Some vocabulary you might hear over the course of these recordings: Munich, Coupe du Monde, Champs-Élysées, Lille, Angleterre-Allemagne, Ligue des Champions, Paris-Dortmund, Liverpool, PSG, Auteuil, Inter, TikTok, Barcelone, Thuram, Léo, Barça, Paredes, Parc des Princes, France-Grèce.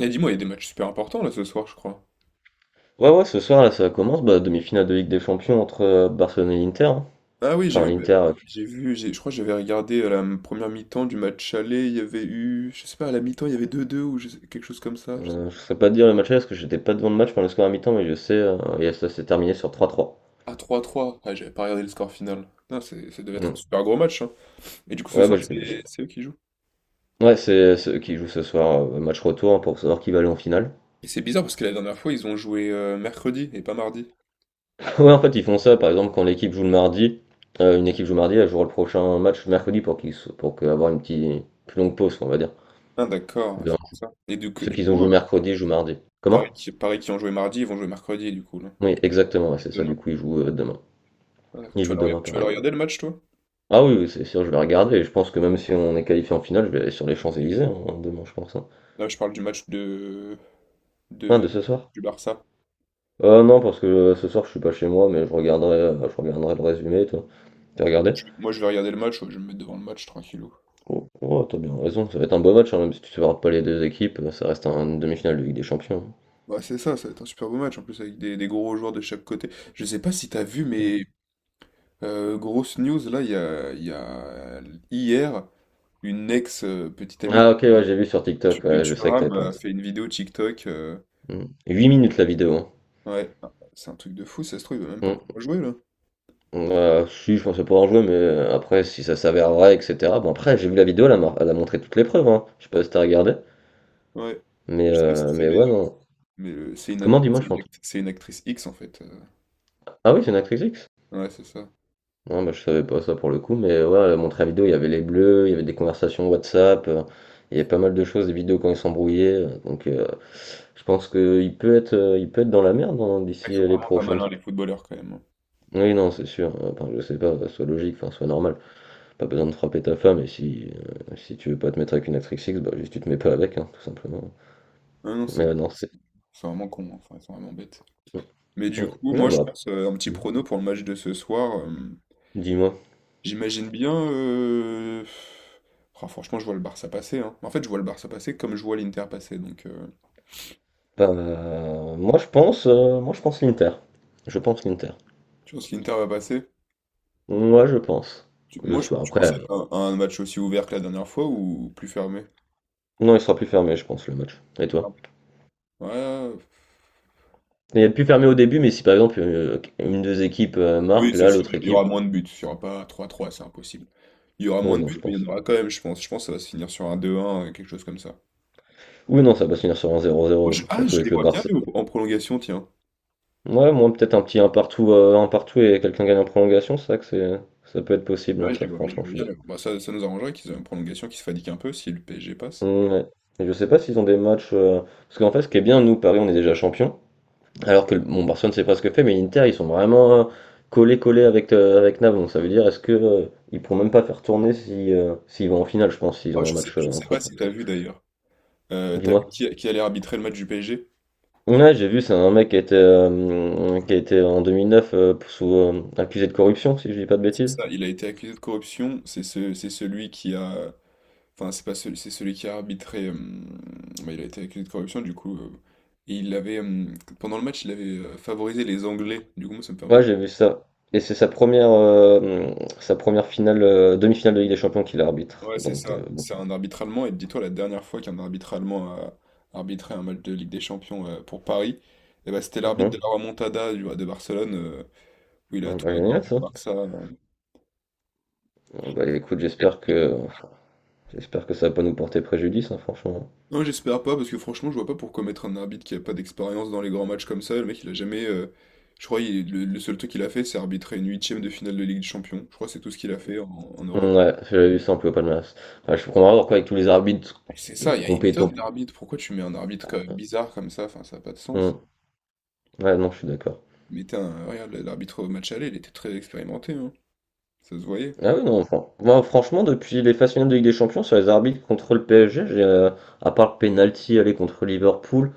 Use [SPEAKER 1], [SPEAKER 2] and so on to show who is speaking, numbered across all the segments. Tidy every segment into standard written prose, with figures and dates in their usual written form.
[SPEAKER 1] Et dis-moi, il y a des matchs super importants là ce soir, je crois.
[SPEAKER 2] Ouais, ouais, ce soir, là, ça commence, demi-finale de Ligue des Champions entre Barcelone et l'Inter, hein.
[SPEAKER 1] Ah oui, j'ai
[SPEAKER 2] Enfin,
[SPEAKER 1] vu,
[SPEAKER 2] l'Inter,
[SPEAKER 1] j'ai vu, je crois que j'avais regardé à la première mi-temps du match aller, il y avait eu, je sais pas, à la mi-temps il y avait deux deux ou quelque chose comme ça. Je sais.
[SPEAKER 2] je sais pas te dire le match là, parce que j'étais pas devant le match pendant le score à mi-temps, mais je sais, et ça s'est terminé sur 3-3.
[SPEAKER 1] Ah 3-3, ah, j'avais pas regardé le score final. Non, c'est- Ça devait être un
[SPEAKER 2] Mm.
[SPEAKER 1] super gros match, hein. Et du coup ce
[SPEAKER 2] Ouais,
[SPEAKER 1] soir c'est eux qui jouent.
[SPEAKER 2] ouais, c'est ceux qui jouent ce soir, match retour, hein, pour savoir qui va aller en finale.
[SPEAKER 1] Et c'est bizarre parce que la dernière fois, ils ont joué mercredi et pas mardi.
[SPEAKER 2] Ouais, en fait, ils font ça, par exemple, quand l'équipe joue le mardi, une équipe joue mardi, elle jouera le prochain match mercredi pour qu'ils, avoir une petite, plus longue pause, on va dire.
[SPEAKER 1] Ah d'accord, ouais,
[SPEAKER 2] De-
[SPEAKER 1] c'est pour ça. Et
[SPEAKER 2] Ceux qui ont joué mercredi jouent mardi. Comment?
[SPEAKER 1] Paris qui ont joué mardi, ils vont jouer mercredi du coup là.
[SPEAKER 2] Oui, exactement, ouais, c'est ça, du
[SPEAKER 1] Demain.
[SPEAKER 2] coup, ils jouent demain.
[SPEAKER 1] Ah, d'accord.
[SPEAKER 2] Ils
[SPEAKER 1] Tu vas
[SPEAKER 2] jouent demain,
[SPEAKER 1] tu vas le
[SPEAKER 2] pareil.
[SPEAKER 1] regarder le match toi?
[SPEAKER 2] Ah oui, oui, c'est sûr, je vais regarder. Je pense que même si on est qualifié en finale, je vais aller sur les Champs-Élysées hein, demain, je pense, hein.
[SPEAKER 1] Non, je parle du match
[SPEAKER 2] Ah, de
[SPEAKER 1] de,
[SPEAKER 2] ce soir?
[SPEAKER 1] du Barça.
[SPEAKER 2] Non, parce que ce soir, je suis pas chez moi, mais je regarderai le résumé, toi. T'as regardé?
[SPEAKER 1] Moi, je vais regarder le match, ouais, je vais me mettre devant le match tranquillou.
[SPEAKER 2] Oh, oh, t'as bien raison, ça va être un beau match, hein, même si tu ne supportes pas les deux équipes, ça reste une demi-finale de Ligue des Champions.
[SPEAKER 1] Bah, c'est ça, ça va être un super beau match en plus avec des gros joueurs de chaque côté. Je sais pas si t'as vu,
[SPEAKER 2] Mm.
[SPEAKER 1] mais grosse news là, il y a hier une ex petite amie
[SPEAKER 2] Ah ok, ouais, j'ai vu sur TikTok,
[SPEAKER 1] de
[SPEAKER 2] ouais, je sais que t'avais
[SPEAKER 1] Thuram
[SPEAKER 2] pas de
[SPEAKER 1] a
[SPEAKER 2] ça.
[SPEAKER 1] fait une vidéo TikTok,
[SPEAKER 2] Mm. 8 minutes la vidéo, hein.
[SPEAKER 1] ouais, c'est un truc de fou, ça se trouve, il va même pas
[SPEAKER 2] Mm.
[SPEAKER 1] pouvoir jouer là.
[SPEAKER 2] Si, je pensais pas en jouer, mais après, si ça s'avère vrai, etc. Bon, après, j'ai vu la vidéo, elle a, elle a montré toutes les preuves, hein. Je sais pas si t'as regardé.
[SPEAKER 1] Ouais, je sais pas si tu sais,
[SPEAKER 2] Mais ouais,
[SPEAKER 1] mais,
[SPEAKER 2] non.
[SPEAKER 1] mais, euh, c'est
[SPEAKER 2] Comment, dis-moi, je suis en tout.
[SPEAKER 1] c'est une actrice X en fait, euh.
[SPEAKER 2] Ah oui, c'est une actrice X?
[SPEAKER 1] Ouais, c'est ça.
[SPEAKER 2] Non, bah, je savais pas ça pour le coup, mais ouais, mon la vidéo, il y avait les bleus, il y avait des conversations WhatsApp, il y avait pas mal de choses, des vidéos quand ils s'embrouillaient, donc, je pense que il peut être dans la merde hein,
[SPEAKER 1] Ils
[SPEAKER 2] d'ici
[SPEAKER 1] sont
[SPEAKER 2] les
[SPEAKER 1] vraiment pas
[SPEAKER 2] prochaines.
[SPEAKER 1] malins les footballeurs quand même.
[SPEAKER 2] Oui, non, c'est sûr. Enfin, je sais pas, soit logique, enfin, soit normal. Pas besoin de frapper ta femme, et si, si tu veux pas te mettre avec une actrice X, bah, juste tu te mets pas avec, hein, tout simplement.
[SPEAKER 1] Ah non,
[SPEAKER 2] Mais
[SPEAKER 1] c'est
[SPEAKER 2] non,
[SPEAKER 1] c'est
[SPEAKER 2] c'est.
[SPEAKER 1] vraiment con, hein. Enfin, ils sont vraiment bêtes.
[SPEAKER 2] mm,
[SPEAKER 1] Mais du
[SPEAKER 2] mm.
[SPEAKER 1] coup,
[SPEAKER 2] Non,
[SPEAKER 1] moi, je
[SPEAKER 2] bah,
[SPEAKER 1] pense un petit prono pour le match de ce soir,
[SPEAKER 2] dis-moi.
[SPEAKER 1] j'imagine bien, ah, franchement, je vois le Barça passer, hein. En fait, je vois le Barça passer comme je vois l'Inter passer. Donc,
[SPEAKER 2] Moi je pense, moi je pense l'Inter. Je pense l'Inter.
[SPEAKER 1] tu penses que l'Inter va passer?
[SPEAKER 2] Moi je pense. Le soir.
[SPEAKER 1] Tu
[SPEAKER 2] Après,
[SPEAKER 1] penses que c'est un match aussi ouvert que la dernière fois ou plus fermé?
[SPEAKER 2] non, il sera plus fermé, je pense, le match. Et
[SPEAKER 1] Plus fermé.
[SPEAKER 2] toi?
[SPEAKER 1] Ouais,
[SPEAKER 2] Il est plus fermé au début, mais si par exemple une des équipes
[SPEAKER 1] oui,
[SPEAKER 2] marque,
[SPEAKER 1] c'est
[SPEAKER 2] là
[SPEAKER 1] sûr.
[SPEAKER 2] l'autre
[SPEAKER 1] Il y
[SPEAKER 2] équipe.
[SPEAKER 1] aura moins de buts. Il n'y aura pas 3 trois, c'est impossible. Il y aura moins
[SPEAKER 2] Oui,
[SPEAKER 1] de
[SPEAKER 2] non,
[SPEAKER 1] buts,
[SPEAKER 2] je
[SPEAKER 1] mais il y
[SPEAKER 2] pense.
[SPEAKER 1] en aura quand même, je pense. Je pense que ça va se finir sur un deux un quelque chose comme ça.
[SPEAKER 2] Oui, non, ça va se finir sur un zéro zéro,
[SPEAKER 1] Ah,
[SPEAKER 2] surtout
[SPEAKER 1] je les
[SPEAKER 2] avec le
[SPEAKER 1] vois bien,
[SPEAKER 2] Barça.
[SPEAKER 1] Léo. En prolongation, tiens.
[SPEAKER 2] Ouais, moi peut-être un petit un partout et quelqu'un gagne en prolongation, c'est ça que c'est, ça peut être possible, hein,
[SPEAKER 1] Ouais,
[SPEAKER 2] ça
[SPEAKER 1] je les
[SPEAKER 2] franchement, je
[SPEAKER 1] vois
[SPEAKER 2] suis
[SPEAKER 1] bien,
[SPEAKER 2] d'accord.
[SPEAKER 1] Léo. Bah, ça nous arrangerait qu'ils aient une prolongation qui se fatigue un peu si le PSG passe.
[SPEAKER 2] Ouais. Et je sais pas s'ils ont des matchs, parce qu'en fait, ce qui est bien, nous Paris, on est déjà champion. Alors que bon, Barcelone c'est pas ce que fait, mais l'Inter ils sont vraiment collés collés avec avec Naples. Donc ça veut dire est-ce que ils pourront même pas faire tourner si s'ils vont en finale, je pense, s'ils
[SPEAKER 1] Ah,
[SPEAKER 2] ont un match
[SPEAKER 1] je sais
[SPEAKER 2] entre
[SPEAKER 1] pas
[SPEAKER 2] temps.
[SPEAKER 1] si t'as vu d'ailleurs. T'as vu
[SPEAKER 2] Dis-moi.
[SPEAKER 1] qui allait arbitrer le match du PSG?
[SPEAKER 2] Ouais, j'ai vu, c'est un mec qui a été en 2009 sous, accusé de corruption, si je dis pas de
[SPEAKER 1] C'est
[SPEAKER 2] bêtises.
[SPEAKER 1] ça. Il a été accusé de corruption. C'est celui qui a. Enfin, c'est pas celui, c'est celui qui a arbitré, bah, il a été accusé de corruption, du coup, et il avait, pendant le match, il avait favorisé les Anglais. Du coup, moi, ça me fait un peu.
[SPEAKER 2] Ouais, j'ai vu ça. Et c'est sa première finale, demi-finale de Ligue des Champions qu'il arbitre.
[SPEAKER 1] Ouais, c'est
[SPEAKER 2] Donc
[SPEAKER 1] ça.
[SPEAKER 2] bon.
[SPEAKER 1] C'est un arbitre allemand. Et dis-toi, la dernière fois qu'un arbitre allemand a arbitré un match de Ligue des Champions pour Paris, eh ben, c'était l'arbitre de
[SPEAKER 2] Mhm.
[SPEAKER 1] la remontada de Barcelone, où il a
[SPEAKER 2] Bon,
[SPEAKER 1] tout
[SPEAKER 2] bah, génial
[SPEAKER 1] accordé
[SPEAKER 2] ça.
[SPEAKER 1] au Barça, euh.
[SPEAKER 2] Bon, bah écoute, j'espère que ça va pas nous porter préjudice, hein, franchement.
[SPEAKER 1] Non, j'espère pas, parce que franchement, je vois pas pourquoi mettre un arbitre qui a pas d'expérience dans les grands matchs comme ça. Le mec, il a jamais, je crois le seul truc qu'il a fait, c'est arbitrer une huitième de finale de Ligue des Champions. Je crois que c'est tout ce qu'il a fait en Europe.
[SPEAKER 2] Ouais, j'avais vu ça un peu au palmarès. Bah, je comprends pas pourquoi avec tous les arbitres
[SPEAKER 1] Et c'est
[SPEAKER 2] de
[SPEAKER 1] ça, il y a une
[SPEAKER 2] compétents.
[SPEAKER 1] tonne d'arbitres. Pourquoi tu mets un arbitre bizarre comme ça? Enfin, ça n'a pas de sens.
[SPEAKER 2] Hmm. Ouais, non, je suis d'accord.
[SPEAKER 1] Mais regarde, l'arbitre au match aller, il était très expérimenté, hein. Ça se voyait.
[SPEAKER 2] Ah oui, non, moi, franchement, depuis les phases finales de Ligue des Champions, sur les arbitres contre le PSG, à part le penalty aller contre Liverpool,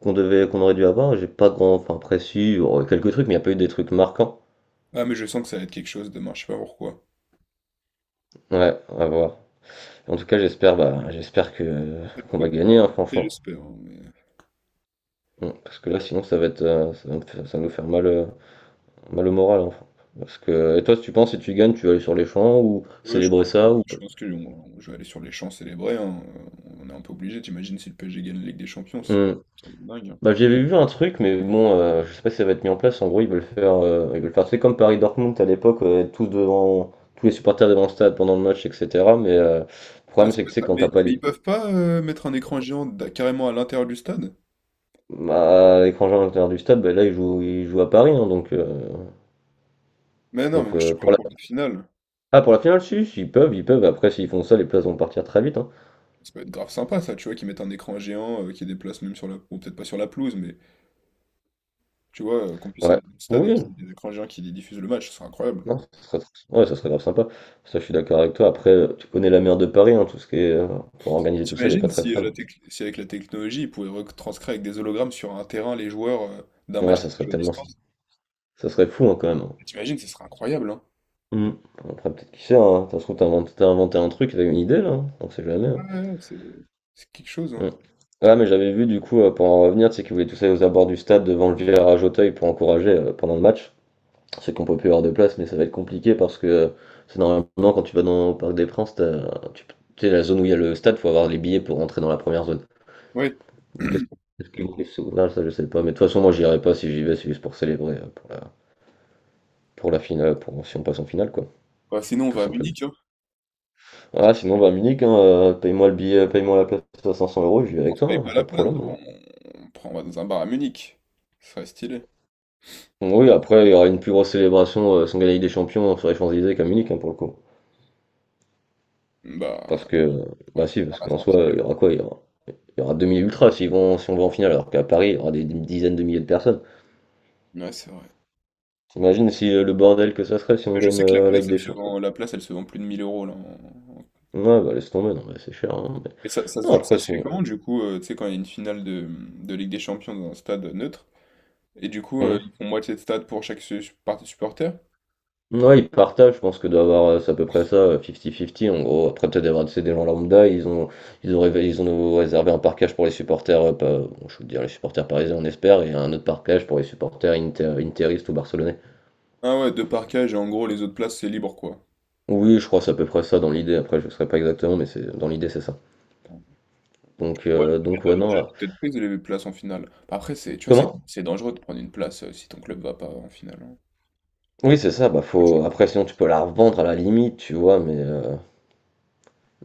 [SPEAKER 2] qu'on aurait dû avoir, j'ai pas grand, enfin, précis, il y aurait quelques trucs, mais il n'y a pas eu des trucs marquants.
[SPEAKER 1] Ah, mais je sens que ça va être quelque chose demain, je sais pas pourquoi.
[SPEAKER 2] Ouais, à voir. En tout cas, j'espère, bah, j'espère que
[SPEAKER 1] Après le
[SPEAKER 2] qu'on
[SPEAKER 1] foot,
[SPEAKER 2] va
[SPEAKER 1] il va
[SPEAKER 2] gagner, hein,
[SPEAKER 1] rater,
[SPEAKER 2] franchement.
[SPEAKER 1] j'espère, hein, mais…
[SPEAKER 2] Hmm, parce que là, sinon, ça va être, ça va nous faire mal, bah, le moral, en fait. Parce que, et toi, si tu penses, si tu gagnes, tu vas aller sur les champs ou
[SPEAKER 1] Ouais,
[SPEAKER 2] célébrer ça ou...
[SPEAKER 1] je pense que je vais aller sur les champs célébrer, hein, on est un peu obligé, t'imagines si le PSG gagne la Ligue des Champions, c'est
[SPEAKER 2] Hmm.
[SPEAKER 1] c'est dingue, hein.
[SPEAKER 2] Bah, j'avais vu un truc, mais bon, je sais pas si ça va être mis en place. En gros, ils veulent faire, c'est comme Paris-Dortmund à l'époque, être tous devant, tous les supporters devant le stade pendant le match, etc. Mais le
[SPEAKER 1] Ah,
[SPEAKER 2] problème,
[SPEAKER 1] ça
[SPEAKER 2] c'est
[SPEAKER 1] peut
[SPEAKER 2] que
[SPEAKER 1] être
[SPEAKER 2] c'est quand t'as pas
[SPEAKER 1] mais ils
[SPEAKER 2] les,
[SPEAKER 1] peuvent pas mettre un écran géant carrément à l'intérieur du stade?
[SPEAKER 2] bah, à l'étranger à l'intérieur du stade, bah, là, ils jouent à Paris, hein, donc,
[SPEAKER 1] Mais non, mais moi, je te
[SPEAKER 2] pour
[SPEAKER 1] parle
[SPEAKER 2] la,
[SPEAKER 1] pour la finale.
[SPEAKER 2] ah, pour la finale, si, si, ils peuvent, ils peuvent. Après, s'ils font ça, les places vont partir très vite, hein.
[SPEAKER 1] Ça peut être grave sympa, ça, tu vois, qu'ils mettent un écran géant qui déplace même sur la… Bon, peut-être pas sur la pelouse, mais tu vois, qu'on puisse
[SPEAKER 2] Ouais.
[SPEAKER 1] aller au stade et
[SPEAKER 2] Oui,
[SPEAKER 1] qu'il y ait des écrans géants qui diffusent le match, ce serait incroyable.
[SPEAKER 2] non, ça serait, ouais, ça serait grave sympa. Ça, je suis d'accord avec toi. Après, tu connais la mer de Paris, hein, tout ce qui est pour organiser tout ça, elle est
[SPEAKER 1] T'imagines
[SPEAKER 2] pas très
[SPEAKER 1] si,
[SPEAKER 2] fan.
[SPEAKER 1] si avec la technologie, ils pouvaient retranscrire avec des hologrammes sur un terrain les joueurs d'un match
[SPEAKER 2] Ouais, ça
[SPEAKER 1] qu'ils
[SPEAKER 2] serait
[SPEAKER 1] jouent à
[SPEAKER 2] tellement,
[SPEAKER 1] distance?
[SPEAKER 2] ça serait fou hein, quand même, hein.
[SPEAKER 1] T'imagines, ce serait incroyable, hein?
[SPEAKER 2] Hmm. Après, peut-être qui sait, hein. Ça se trouve, t'as inventé un truc, t'as eu une idée là, hein, on sait jamais,
[SPEAKER 1] Ouais,
[SPEAKER 2] hein.
[SPEAKER 1] ouais, c'est quelque chose, hein?
[SPEAKER 2] Hmm. Ah, mais j'avais vu du coup, pour en revenir, tu sais qu'ils voulaient tous aller aux abords du stade devant le virage Auteuil pour encourager pendant le match. C'est qu'on peut plus avoir de place, mais ça va être compliqué parce que c'est normalement quand tu vas dans au Parc des Princes, tu tu sais, la zone où il y a le stade, faut avoir les billets pour rentrer dans la première zone.
[SPEAKER 1] Ouais.
[SPEAKER 2] Qu'est-ce Qu'est-ce qui me kiffe souvenir, ça je sais pas. Mais de toute façon, moi j'irai pas si j'y vais, c'est juste pour célébrer, pour la finale, pour si on passe en finale, quoi,
[SPEAKER 1] Bah, sinon, on
[SPEAKER 2] tout
[SPEAKER 1] va à
[SPEAKER 2] simplement.
[SPEAKER 1] Munich, hein.
[SPEAKER 2] Ah, sinon, va à Munich, hein, paye-moi le billet, paye-moi la place à 500 euros, je vais
[SPEAKER 1] On
[SPEAKER 2] avec
[SPEAKER 1] se
[SPEAKER 2] toi,
[SPEAKER 1] paye
[SPEAKER 2] hein,
[SPEAKER 1] pas la
[SPEAKER 2] pas de
[SPEAKER 1] place,
[SPEAKER 2] problème,
[SPEAKER 1] mais
[SPEAKER 2] hein.
[SPEAKER 1] bon, on va dans un bar à Munich. Ce serait stylé.
[SPEAKER 2] Oui, après, il y aura une plus grosse célébration sans gagner des champions sur les Champs-Élysées qu'à Munich, hein, pour le coup.
[SPEAKER 1] Bah,
[SPEAKER 2] Parce que,
[SPEAKER 1] ouais,
[SPEAKER 2] bah si,
[SPEAKER 1] par
[SPEAKER 2] parce
[SPEAKER 1] la
[SPEAKER 2] qu'en soi,
[SPEAKER 1] sortie des
[SPEAKER 2] il y aura quoi? Il y aura 2 000 ultras s'ils vont, si on va en finale, alors qu'à Paris, il y aura des dizaines de milliers de personnes.
[SPEAKER 1] gens. Ouais, c'est vrai.
[SPEAKER 2] T'imagines si le bordel que ça serait si on
[SPEAKER 1] Mais je
[SPEAKER 2] gagne
[SPEAKER 1] sais que
[SPEAKER 2] la Ligue des Champions?
[SPEAKER 1] la place, elle se vend plus de 1000 euros, là,
[SPEAKER 2] Ouais, bah laisse tomber, non mais c'est cher, hein, mais...
[SPEAKER 1] et
[SPEAKER 2] Non,
[SPEAKER 1] ça
[SPEAKER 2] après
[SPEAKER 1] se fait
[SPEAKER 2] c'est...
[SPEAKER 1] comment, du coup, tu sais, quand il y a une finale de Ligue des Champions dans un stade neutre? Et du coup,
[SPEAKER 2] Hmm.
[SPEAKER 1] ils font moitié de stade pour chaque partie supporter.
[SPEAKER 2] Ouais, ils partagent, je pense que doit avoir, c'est à peu près ça, 50-50 en gros. Après peut-être d'avoir c'est des gens lambda, ils ont réservé un parquage pour les supporters, bon, je veux dire les supporters parisiens on espère, et un autre parquage pour les supporters interistes ou barcelonais.
[SPEAKER 1] Ah ouais, deux parquages et en gros, les autres places, c'est libre, quoi.
[SPEAKER 2] Oui, je crois que c'est à peu près ça dans l'idée, après je ne saurais pas exactement, mais c'est dans l'idée c'est ça. Donc,
[SPEAKER 1] Ouais, elles
[SPEAKER 2] ouais,
[SPEAKER 1] doivent
[SPEAKER 2] non...
[SPEAKER 1] déjà toutes être prises, les places en finale. Bah, après, c'est, tu vois,
[SPEAKER 2] Comment?
[SPEAKER 1] c'est dangereux de prendre une place si ton club va pas en finale, hein.
[SPEAKER 2] Oui, c'est ça, bah faut... Après sinon tu peux la revendre à la limite, tu vois, mais...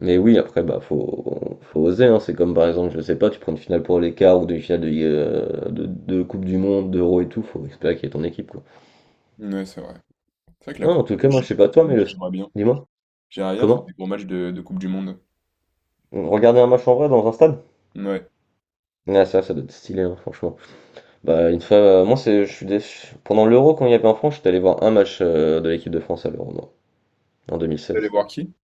[SPEAKER 2] mais oui, après, bah, faut, faut oser, hein. C'est comme par exemple, je sais pas, tu prends une finale pour les quarts ou demi finale de, de Coupe du Monde, d'Euro et tout, faut espérer qu'il y ait ton équipe, quoi.
[SPEAKER 1] Ouais, c'est vrai. C'est vrai que la
[SPEAKER 2] Non,
[SPEAKER 1] Coupe
[SPEAKER 2] en tout
[SPEAKER 1] du
[SPEAKER 2] cas,
[SPEAKER 1] Monde, je
[SPEAKER 2] moi,
[SPEAKER 1] sais
[SPEAKER 2] je sais pas
[SPEAKER 1] pas,
[SPEAKER 2] toi,
[SPEAKER 1] pour
[SPEAKER 2] mais
[SPEAKER 1] le
[SPEAKER 2] le.
[SPEAKER 1] match, j'aimerais bien.
[SPEAKER 2] Dis-moi,
[SPEAKER 1] J'aimerais bien faire
[SPEAKER 2] comment?
[SPEAKER 1] des gros matchs de Coupe du Monde.
[SPEAKER 2] Regarder un match en vrai dans un stade?
[SPEAKER 1] Ouais.
[SPEAKER 2] Ah, ça doit être stylé, hein, franchement. Bah, une fois, je suis pendant l'Euro, quand il y avait en France, j'étais allé voir un match de l'équipe de France à l'Euro, moi, en
[SPEAKER 1] Vous allez
[SPEAKER 2] 2016.
[SPEAKER 1] voir qui?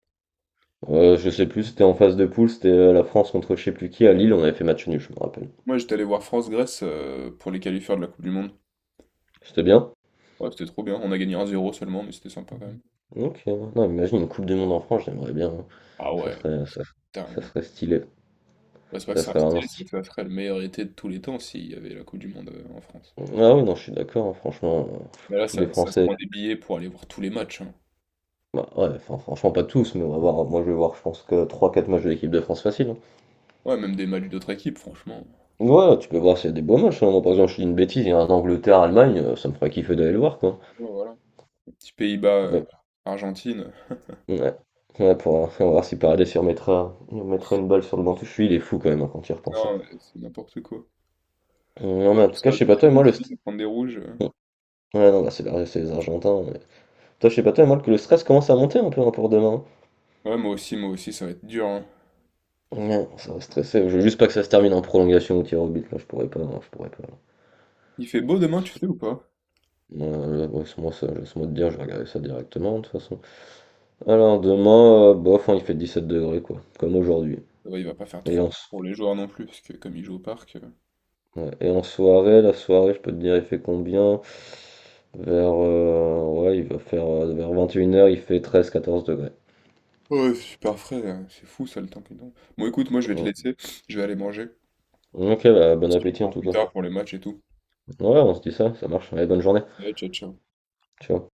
[SPEAKER 2] Je sais plus, c'était en phase de poule, c'était la France contre je sais plus qui à Lille, on avait fait match nul, je me rappelle.
[SPEAKER 1] Moi, j'étais allé voir France-Grèce pour les qualifications de la Coupe du Monde.
[SPEAKER 2] C'était bien?
[SPEAKER 1] Ouais, c'était trop bien. On a gagné 1-0 seulement, mais c'était sympa quand même.
[SPEAKER 2] Ok, ouais, non, imagine une Coupe du Monde en France, j'aimerais bien, hein.
[SPEAKER 1] Ah
[SPEAKER 2] Ça
[SPEAKER 1] ouais,
[SPEAKER 2] serait,
[SPEAKER 1] c'est
[SPEAKER 2] ça
[SPEAKER 1] dingue.
[SPEAKER 2] serait stylé.
[SPEAKER 1] Ouais, c'est pas que
[SPEAKER 2] Ça
[SPEAKER 1] c'est un
[SPEAKER 2] serait vraiment
[SPEAKER 1] style, c'est
[SPEAKER 2] stylé.
[SPEAKER 1] que ça serait le meilleur été de tous les temps s'il y avait la Coupe du Monde en France.
[SPEAKER 2] Ah oui, non, je suis d'accord, hein, franchement,
[SPEAKER 1] Mais là,
[SPEAKER 2] tous les
[SPEAKER 1] ça se
[SPEAKER 2] Français.
[SPEAKER 1] prend des billets pour aller voir tous les matchs, hein.
[SPEAKER 2] Bah ouais, enfin, franchement, pas tous, mais on va voir. Moi, je vais voir, je pense que trois, quatre matchs de l'équipe de France facile, hein.
[SPEAKER 1] Ouais, même des matchs d'autres équipes, franchement.
[SPEAKER 2] Ouais, tu peux voir s'il y a des beaux matchs, hein. Moi, par exemple, je dis une bêtise, il y a un Angleterre-Allemagne, ça me ferait kiffer d'aller le voir, quoi.
[SPEAKER 1] Ouais, voilà. Les Petits Pays-Bas,
[SPEAKER 2] Ouais,
[SPEAKER 1] Argentine.
[SPEAKER 2] ouais. Ouais, pour, on va voir si Paredes il remettra une balle sur le banc. Je suis, il est fou quand même hein, quand il repense, hein.
[SPEAKER 1] Non, mais c'est n'importe quoi.
[SPEAKER 2] Non,
[SPEAKER 1] Toi,
[SPEAKER 2] mais en tout
[SPEAKER 1] ça
[SPEAKER 2] cas,
[SPEAKER 1] va
[SPEAKER 2] je sais
[SPEAKER 1] être
[SPEAKER 2] pas
[SPEAKER 1] très
[SPEAKER 2] toi, et moi, le
[SPEAKER 1] difficile
[SPEAKER 2] st-.
[SPEAKER 1] de prendre des rouges, euh.
[SPEAKER 2] Ouais, non, bah, c'est les Argentins. Toi, je sais pas toi, mais moi que le stress commence à monter un peu hein, pour demain.
[SPEAKER 1] Ouais, moi aussi, ça va être dur, hein.
[SPEAKER 2] Ouais, ça va stresser. Je veux juste pas que ça se termine en prolongation ou tir au but. Là, je pourrais pas, hein, je pourrais pas.
[SPEAKER 1] Il fait beau demain, tu sais ou pas?
[SPEAKER 2] Là, ouais, laisse-moi ça, laisse-moi te dire, je vais regarder ça directement de toute façon. Alors demain, bof, hein, il fait 17 degrés quoi, comme aujourd'hui.
[SPEAKER 1] Ouais, il va pas faire
[SPEAKER 2] Et
[SPEAKER 1] trop
[SPEAKER 2] en,
[SPEAKER 1] peur
[SPEAKER 2] s-
[SPEAKER 1] pour les joueurs non plus, parce que comme ils jouent au parc, euh.
[SPEAKER 2] ouais, et en soirée, la soirée, je peux te dire, il fait combien? Vers, ouais, il va faire vers 21 heures il fait 13-14 degrés.
[SPEAKER 1] Ouais, c'est super frais, c'est fou ça le temps qu'ils ont. Bon, écoute, moi je vais te
[SPEAKER 2] Mm.
[SPEAKER 1] laisser, je vais aller manger.
[SPEAKER 2] Ok, bah, bon
[SPEAKER 1] Si tu me
[SPEAKER 2] appétit en
[SPEAKER 1] prends
[SPEAKER 2] tout
[SPEAKER 1] plus
[SPEAKER 2] cas.
[SPEAKER 1] tard pour les matchs et tout.
[SPEAKER 2] Ouais, on se dit ça, ça marche. Allez, bonne journée.
[SPEAKER 1] Ouais, ciao, ciao.
[SPEAKER 2] Ciao.